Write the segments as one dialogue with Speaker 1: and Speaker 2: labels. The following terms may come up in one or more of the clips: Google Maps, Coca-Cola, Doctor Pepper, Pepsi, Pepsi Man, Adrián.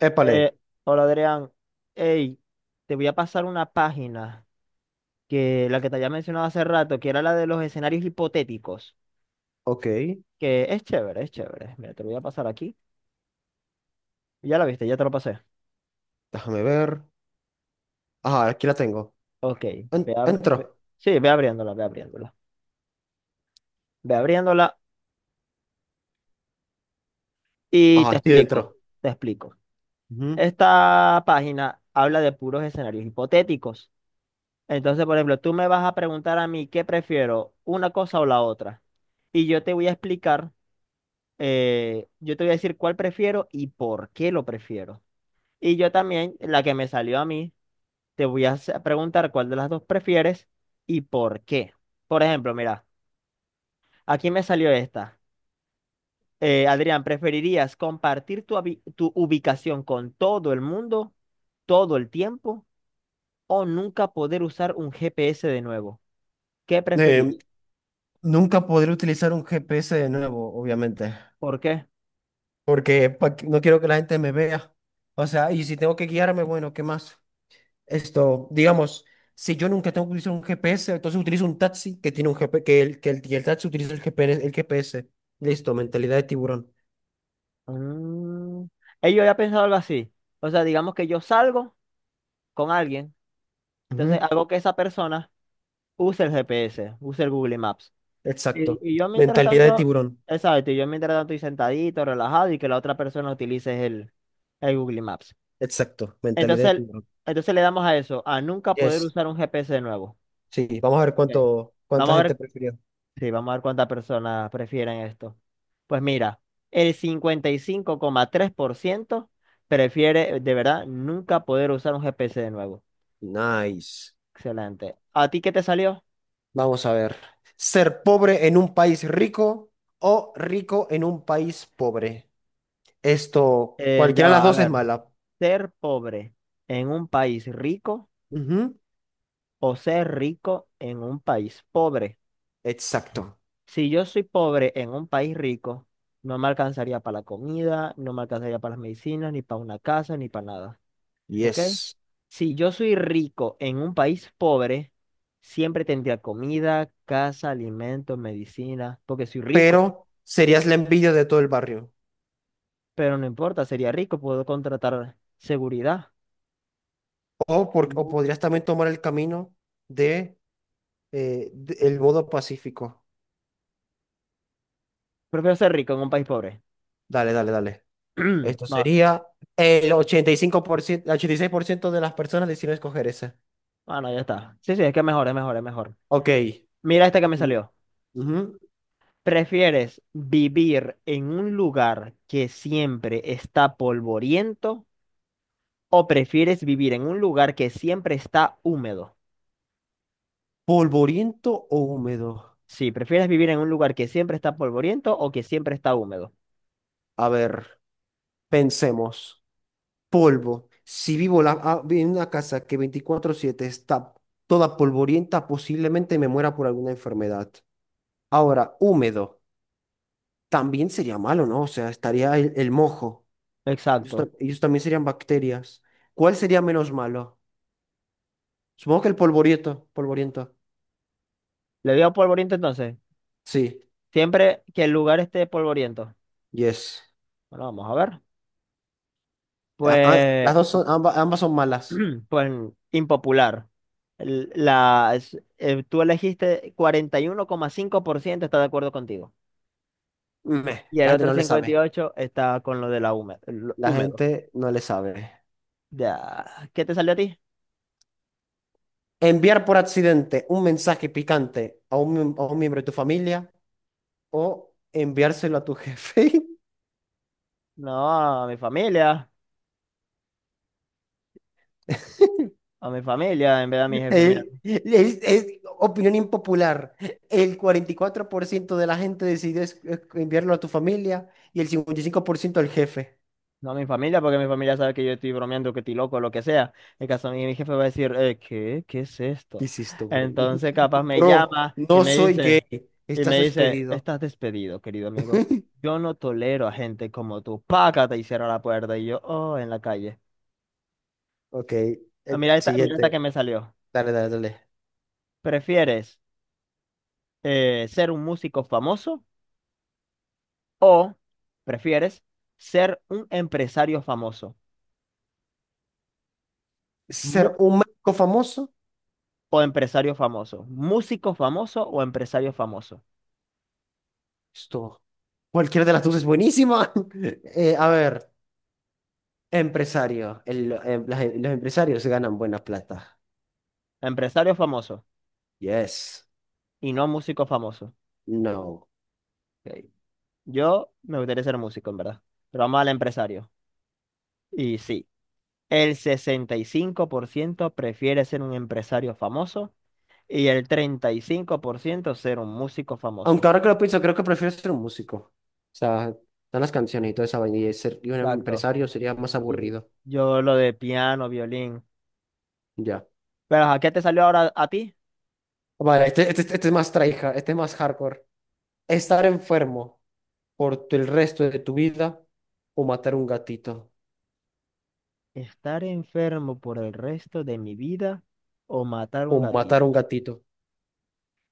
Speaker 1: Épale,
Speaker 2: Eh, Hola Adrián, hey, te voy a pasar una página que la que te había mencionado hace rato, que era la de los escenarios hipotéticos,
Speaker 1: ok,
Speaker 2: que es chévere, es chévere. Mira, te lo voy a pasar aquí. Ya la viste, ya te lo pasé.
Speaker 1: déjame ver. Ajá, aquí la tengo.
Speaker 2: Ok,
Speaker 1: Entro.
Speaker 2: sí, ve abriéndola, ve abriéndola. Ve abriéndola y te
Speaker 1: Ajá, sí, entro.
Speaker 2: explico, te explico.
Speaker 1: Ujú.
Speaker 2: Esta página habla de puros escenarios hipotéticos. Entonces, por ejemplo, tú me vas a preguntar a mí qué prefiero, una cosa o la otra. Y yo te voy a explicar. Yo te voy a decir cuál prefiero y por qué lo prefiero. Y yo también, la que me salió a mí, te voy a hacer- preguntar cuál de las dos prefieres y por qué. Por ejemplo, mira, aquí me salió esta. Adrián, ¿preferirías compartir tu ubicación con todo el mundo todo el tiempo o nunca poder usar un GPS de nuevo? ¿Qué
Speaker 1: Eh,
Speaker 2: preferirías?
Speaker 1: Nunca podré utilizar un GPS de nuevo, obviamente,
Speaker 2: ¿Por qué?
Speaker 1: porque pa' no quiero que la gente me vea. O sea, y si tengo que guiarme, bueno, ¿qué más? Esto, digamos, si yo nunca tengo que utilizar un GPS, entonces utilizo un taxi que tiene un GPS, que el taxi utiliza el GPS. Listo, mentalidad de tiburón.
Speaker 2: Mm, yo había pensado algo así. O sea, digamos que yo salgo con alguien. Entonces,
Speaker 1: Ujú.
Speaker 2: algo que esa persona usa el GPS, usa el Google Maps. Y,
Speaker 1: Exacto.
Speaker 2: y yo mientras
Speaker 1: Mentalidad de
Speaker 2: tanto,
Speaker 1: tiburón.
Speaker 2: exacto, y yo mientras tanto estoy sentadito, relajado y que la otra persona utilice el Google Maps.
Speaker 1: Exacto, mentalidad de
Speaker 2: Entonces,
Speaker 1: tiburón.
Speaker 2: entonces, le damos a eso, a nunca poder
Speaker 1: Yes.
Speaker 2: usar un GPS de nuevo.
Speaker 1: Sí, vamos a ver
Speaker 2: Ok.
Speaker 1: cuánta
Speaker 2: Vamos a
Speaker 1: gente
Speaker 2: ver,
Speaker 1: prefirió.
Speaker 2: sí, vamos a ver cuántas personas prefieren esto. Pues mira, el 55,3% prefiere de verdad nunca poder usar un GPS de nuevo.
Speaker 1: Nice.
Speaker 2: Excelente. ¿A ti qué te salió?
Speaker 1: Vamos a ver. ¿Ser pobre en un país rico o rico en un país pobre? Esto,
Speaker 2: Ya
Speaker 1: cualquiera de las
Speaker 2: va, a
Speaker 1: dos es
Speaker 2: ver.
Speaker 1: mala.
Speaker 2: Ser pobre en un país rico
Speaker 1: Ujú.
Speaker 2: o ser rico en un país pobre.
Speaker 1: Exacto.
Speaker 2: Si yo soy pobre en un país rico, no me alcanzaría para la comida, no me alcanzaría para las medicinas, ni para una casa, ni para nada. ¿Ok?
Speaker 1: Yes.
Speaker 2: Si yo soy rico en un país pobre, siempre tendría comida, casa, alimentos, medicina, porque soy rico.
Speaker 1: Pero serías la envidia de todo el barrio.
Speaker 2: Pero no importa, sería rico, puedo contratar seguridad.
Speaker 1: O, o
Speaker 2: Mm.
Speaker 1: podrías también tomar el camino de, de el modo pacífico.
Speaker 2: Prefiero ser rico en un país pobre.
Speaker 1: Dale, dale, dale. Esto
Speaker 2: Va-
Speaker 1: sería el 85%, el 86% de las personas decidieron escoger esa.
Speaker 2: Ah, no, ya está. Sí, sí, es que es mejor, es mejor, es mejor.
Speaker 1: Ok.
Speaker 2: Mira esta que me
Speaker 1: Mm.
Speaker 2: salió.
Speaker 1: Ujú.
Speaker 2: ¿Prefieres vivir en un lugar que siempre está polvoriento o prefieres vivir en un lugar que siempre está húmedo?
Speaker 1: ¿Polvoriento o húmedo?
Speaker 2: Sí, ¿prefieres vivir en un lugar que siempre está polvoriento o que siempre está húmedo?
Speaker 1: A ver, pensemos. Polvo. Si vivo en una casa que 24/7 está toda polvorienta, posiblemente me muera por alguna enfermedad. Ahora, húmedo. También sería malo, ¿no? O sea, estaría el mojo. Ellos,
Speaker 2: Exacto.
Speaker 1: ellos también serían bacterias. ¿Cuál sería menos malo? Supongo que el polvoriento. Polvoriento.
Speaker 2: ¿Le digo polvoriento entonces?
Speaker 1: Sí,
Speaker 2: Siempre que el lugar esté polvoriento.
Speaker 1: yes.
Speaker 2: Bueno, vamos a ver. Pues
Speaker 1: Las dos son, ambas, son malas.
Speaker 2: pues impopular. Tú elegiste 41,5% está de acuerdo contigo.
Speaker 1: Meh,
Speaker 2: Y el
Speaker 1: la gente
Speaker 2: otro
Speaker 1: no le sabe.
Speaker 2: 58% está con lo de lo
Speaker 1: La
Speaker 2: húmedo.
Speaker 1: gente no le sabe.
Speaker 2: Ya. ¿Qué te salió a ti?
Speaker 1: Enviar por accidente un mensaje picante a un miembro de tu familia o enviárselo a tu jefe.
Speaker 2: No, a mi familia. A mi familia, en vez de a mi jefe.
Speaker 1: Es opinión impopular. El 44% de la gente decidió enviarlo a tu familia y el 55% al jefe.
Speaker 2: No a mi familia, porque mi familia sabe que yo estoy bromeando, que estoy loco, lo que sea. En caso a mí, mi jefe va a decir, ¿qué? ¿Qué es
Speaker 1: ¿Qué
Speaker 2: esto?
Speaker 1: hiciste, bro?
Speaker 2: Entonces, capaz me
Speaker 1: Bro,
Speaker 2: llama
Speaker 1: no soy gay.
Speaker 2: y
Speaker 1: Estás
Speaker 2: me dice,
Speaker 1: despedido.
Speaker 2: estás despedido, querido amigo. Yo no tolero a gente como tú. Págate y cierra la puerta. Y yo, oh, en la calle.
Speaker 1: Ok,
Speaker 2: Ah, mira esta que
Speaker 1: siguiente.
Speaker 2: me salió.
Speaker 1: Dale, dale, dale.
Speaker 2: ¿Prefieres ser un músico famoso o prefieres ser un empresario famoso?
Speaker 1: Ser
Speaker 2: Mu-
Speaker 1: un médico famoso.
Speaker 2: o empresario famoso. ¿Músico famoso o empresario famoso?
Speaker 1: Esto. Cualquiera de las dos es buenísima. A ver, empresario. Los empresarios ganan buena plata.
Speaker 2: Empresario famoso
Speaker 1: Yes.
Speaker 2: y no músico famoso.
Speaker 1: No.
Speaker 2: Ok. Yo me gustaría ser músico, en verdad. Pero vamos al empresario. Y sí, el 65% prefiere ser un empresario famoso y el 35% ser un músico famoso.
Speaker 1: Aunque ahora que lo pienso, creo que prefiero ser un músico. O sea, están las canciones y toda esa vaina. Y ser y un
Speaker 2: Exacto.
Speaker 1: empresario sería más
Speaker 2: Y
Speaker 1: aburrido.
Speaker 2: yo lo de piano, violín.
Speaker 1: Ya.
Speaker 2: Pero ¿a qué te salió ahora a ti?
Speaker 1: Vale, este es más traija, este es más hardcore. Estar enfermo por el resto de tu vida o matar un gatito.
Speaker 2: ¿Estar enfermo por el resto de mi vida o matar
Speaker 1: O
Speaker 2: un
Speaker 1: matar
Speaker 2: gatito?
Speaker 1: un gatito.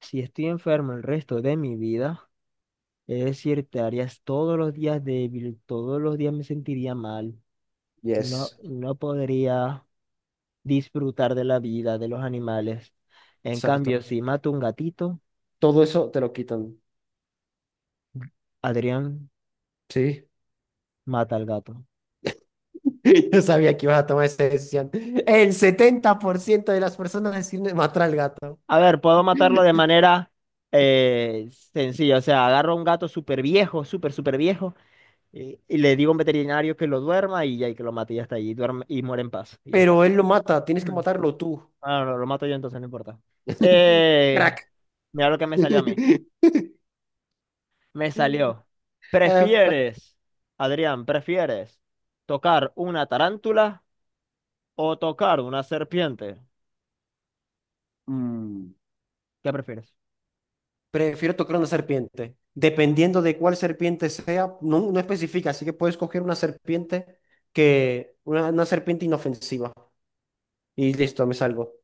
Speaker 2: Si estoy enfermo el resto de mi vida, es decir, te harías todos los días débil, todos los días me sentiría mal, no,
Speaker 1: Yes.
Speaker 2: no podría disfrutar de la vida, de los animales. En
Speaker 1: Exacto.
Speaker 2: cambio, si mato un gatito,
Speaker 1: Todo eso te lo quitan.
Speaker 2: Adrián
Speaker 1: Sí.
Speaker 2: mata al gato.
Speaker 1: Yo sabía que ibas a tomar esa decisión. El 70% de las personas deciden matar al gato.
Speaker 2: A ver, puedo matarlo de manera sencilla, o sea, agarro a un gato súper viejo, súper, súper viejo, y le digo a un veterinario que lo duerma y ya y que lo mate y ya está, y, duerme, y muere en paz, y ya está.
Speaker 1: Pero él lo mata, tienes que matarlo tú.
Speaker 2: Ah, no, no, lo mato yo entonces, no importa. Eh,
Speaker 1: Crack.
Speaker 2: mira lo que me salió a mí. Me salió.
Speaker 1: Eh, pe-
Speaker 2: ¿Prefieres, Adrián, prefieres tocar una tarántula o tocar una serpiente?
Speaker 1: mm,
Speaker 2: ¿Qué prefieres?
Speaker 1: Prefiero tocar una serpiente. Dependiendo de cuál serpiente sea, no, no especifica, así que puedes coger una serpiente una serpiente inofensiva. Y listo, me salvo.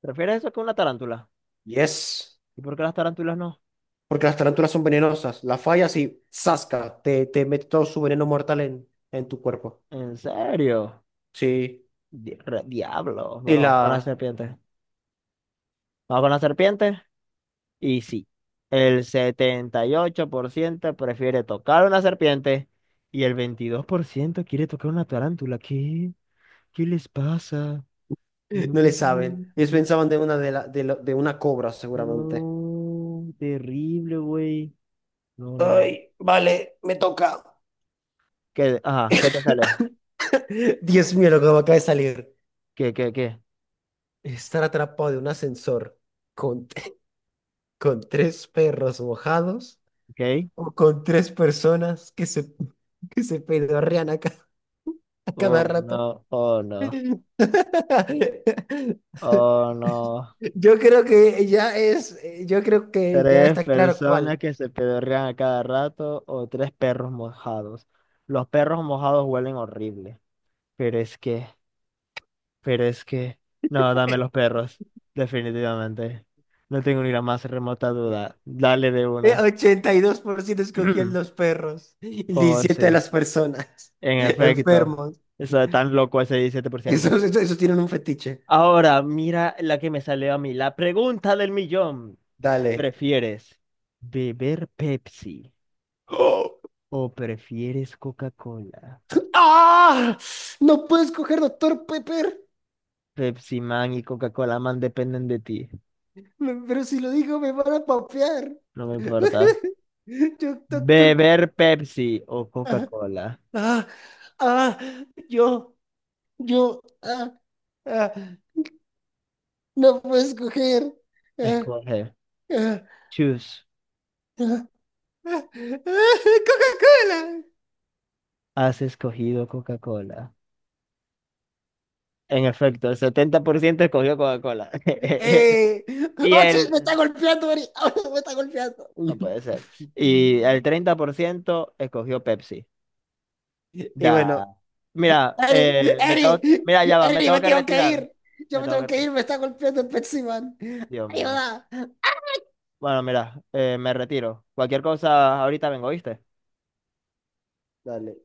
Speaker 2: ¿Prefieres eso que una tarántula?
Speaker 1: Yes.
Speaker 2: ¿Y por qué las tarántulas no?
Speaker 1: Porque las tarántulas son venenosas. La fallas y ¡zasca! Te mete todo su veneno mortal en tu cuerpo.
Speaker 2: ¿En serio?
Speaker 1: Sí.
Speaker 2: Diablo.
Speaker 1: Y
Speaker 2: Bueno, vamos con la
Speaker 1: la...
Speaker 2: serpiente. Vamos con la serpiente. Y sí, el 78% prefiere tocar una serpiente y el 22% quiere tocar una tarántula. ¿Qué? ¿Qué les pasa?
Speaker 1: No le saben.
Speaker 2: Mm,
Speaker 1: Ellos pensaban de una, de la- de lo- de una cobra, seguramente.
Speaker 2: no, terrible, güey. No, no.
Speaker 1: Ay, vale, me toca.
Speaker 2: ¿Qué, ajá, qué te sale?
Speaker 1: Dios mío, lo que me acaba de salir.
Speaker 2: ¿Qué, qué, qué?
Speaker 1: Estar atrapado de un ascensor con, con tres perros mojados
Speaker 2: ¿Ok?
Speaker 1: o con tres personas que se, que se pedorrean a
Speaker 2: Oh,
Speaker 1: cada rato.
Speaker 2: no, oh, no, oh, no.
Speaker 1: Yo creo que ya
Speaker 2: Tres
Speaker 1: está claro
Speaker 2: personas
Speaker 1: cuál.
Speaker 2: que se pedorrean a cada rato o tres perros mojados. Los perros mojados huelen horrible. Pero es que, pero es que... No, dame los perros. Definitivamente. No tengo ni la más remota duda. Dale de una.
Speaker 1: 82% escogían los perros y
Speaker 2: Oh,
Speaker 1: 17 de
Speaker 2: sí.
Speaker 1: las personas
Speaker 2: En efecto,
Speaker 1: enfermos.
Speaker 2: eso es tan loco ese 17%.
Speaker 1: Esos tienen un fetiche.
Speaker 2: Ahora, mira la que me salió a mí, la pregunta del millón.
Speaker 1: Dale.
Speaker 2: ¿Prefieres beber Pepsi
Speaker 1: ¡Oh!
Speaker 2: o prefieres Coca-Cola?
Speaker 1: ¡Ah! No puedo escoger Doctor Pepper,
Speaker 2: Pepsi Man y Coca-Cola Man dependen de ti,
Speaker 1: Pero si lo digo me van a papear.
Speaker 2: no me importa.
Speaker 1: Yo, Doctor,
Speaker 2: ¿Beber Pepsi o
Speaker 1: ah,
Speaker 2: Coca-Cola?
Speaker 1: ah, ah, yo, yo, ah, ah, no puedo escoger. Ah,
Speaker 2: Escoge.
Speaker 1: ah.
Speaker 2: Choose.
Speaker 1: Coca-Cola.
Speaker 2: Has escogido Coca-Cola. En efecto, el 70% escogió Coca-Cola.
Speaker 1: Eh,
Speaker 2: Y
Speaker 1: ¡Oh, sí, me
Speaker 2: el
Speaker 1: está golpeando, Ari! ¡Oh, me está golpeando!
Speaker 2: no puede ser. Y el 30% escogió Pepsi. Da.
Speaker 1: Y bueno,
Speaker 2: Mira,
Speaker 1: Ari,
Speaker 2: me tengo,
Speaker 1: Ari,
Speaker 2: mira, ya va, me
Speaker 1: Ari,
Speaker 2: tengo
Speaker 1: me
Speaker 2: que
Speaker 1: tengo que
Speaker 2: retirar.
Speaker 1: ir. Yo
Speaker 2: Me
Speaker 1: me
Speaker 2: tengo
Speaker 1: tengo
Speaker 2: que...
Speaker 1: que ir, me está golpeando el Pepsi Man.
Speaker 2: Dios mío.
Speaker 1: Ayuda.
Speaker 2: Bueno, mira, me retiro. Cualquier cosa, ahorita vengo, ¿viste?
Speaker 1: Dale.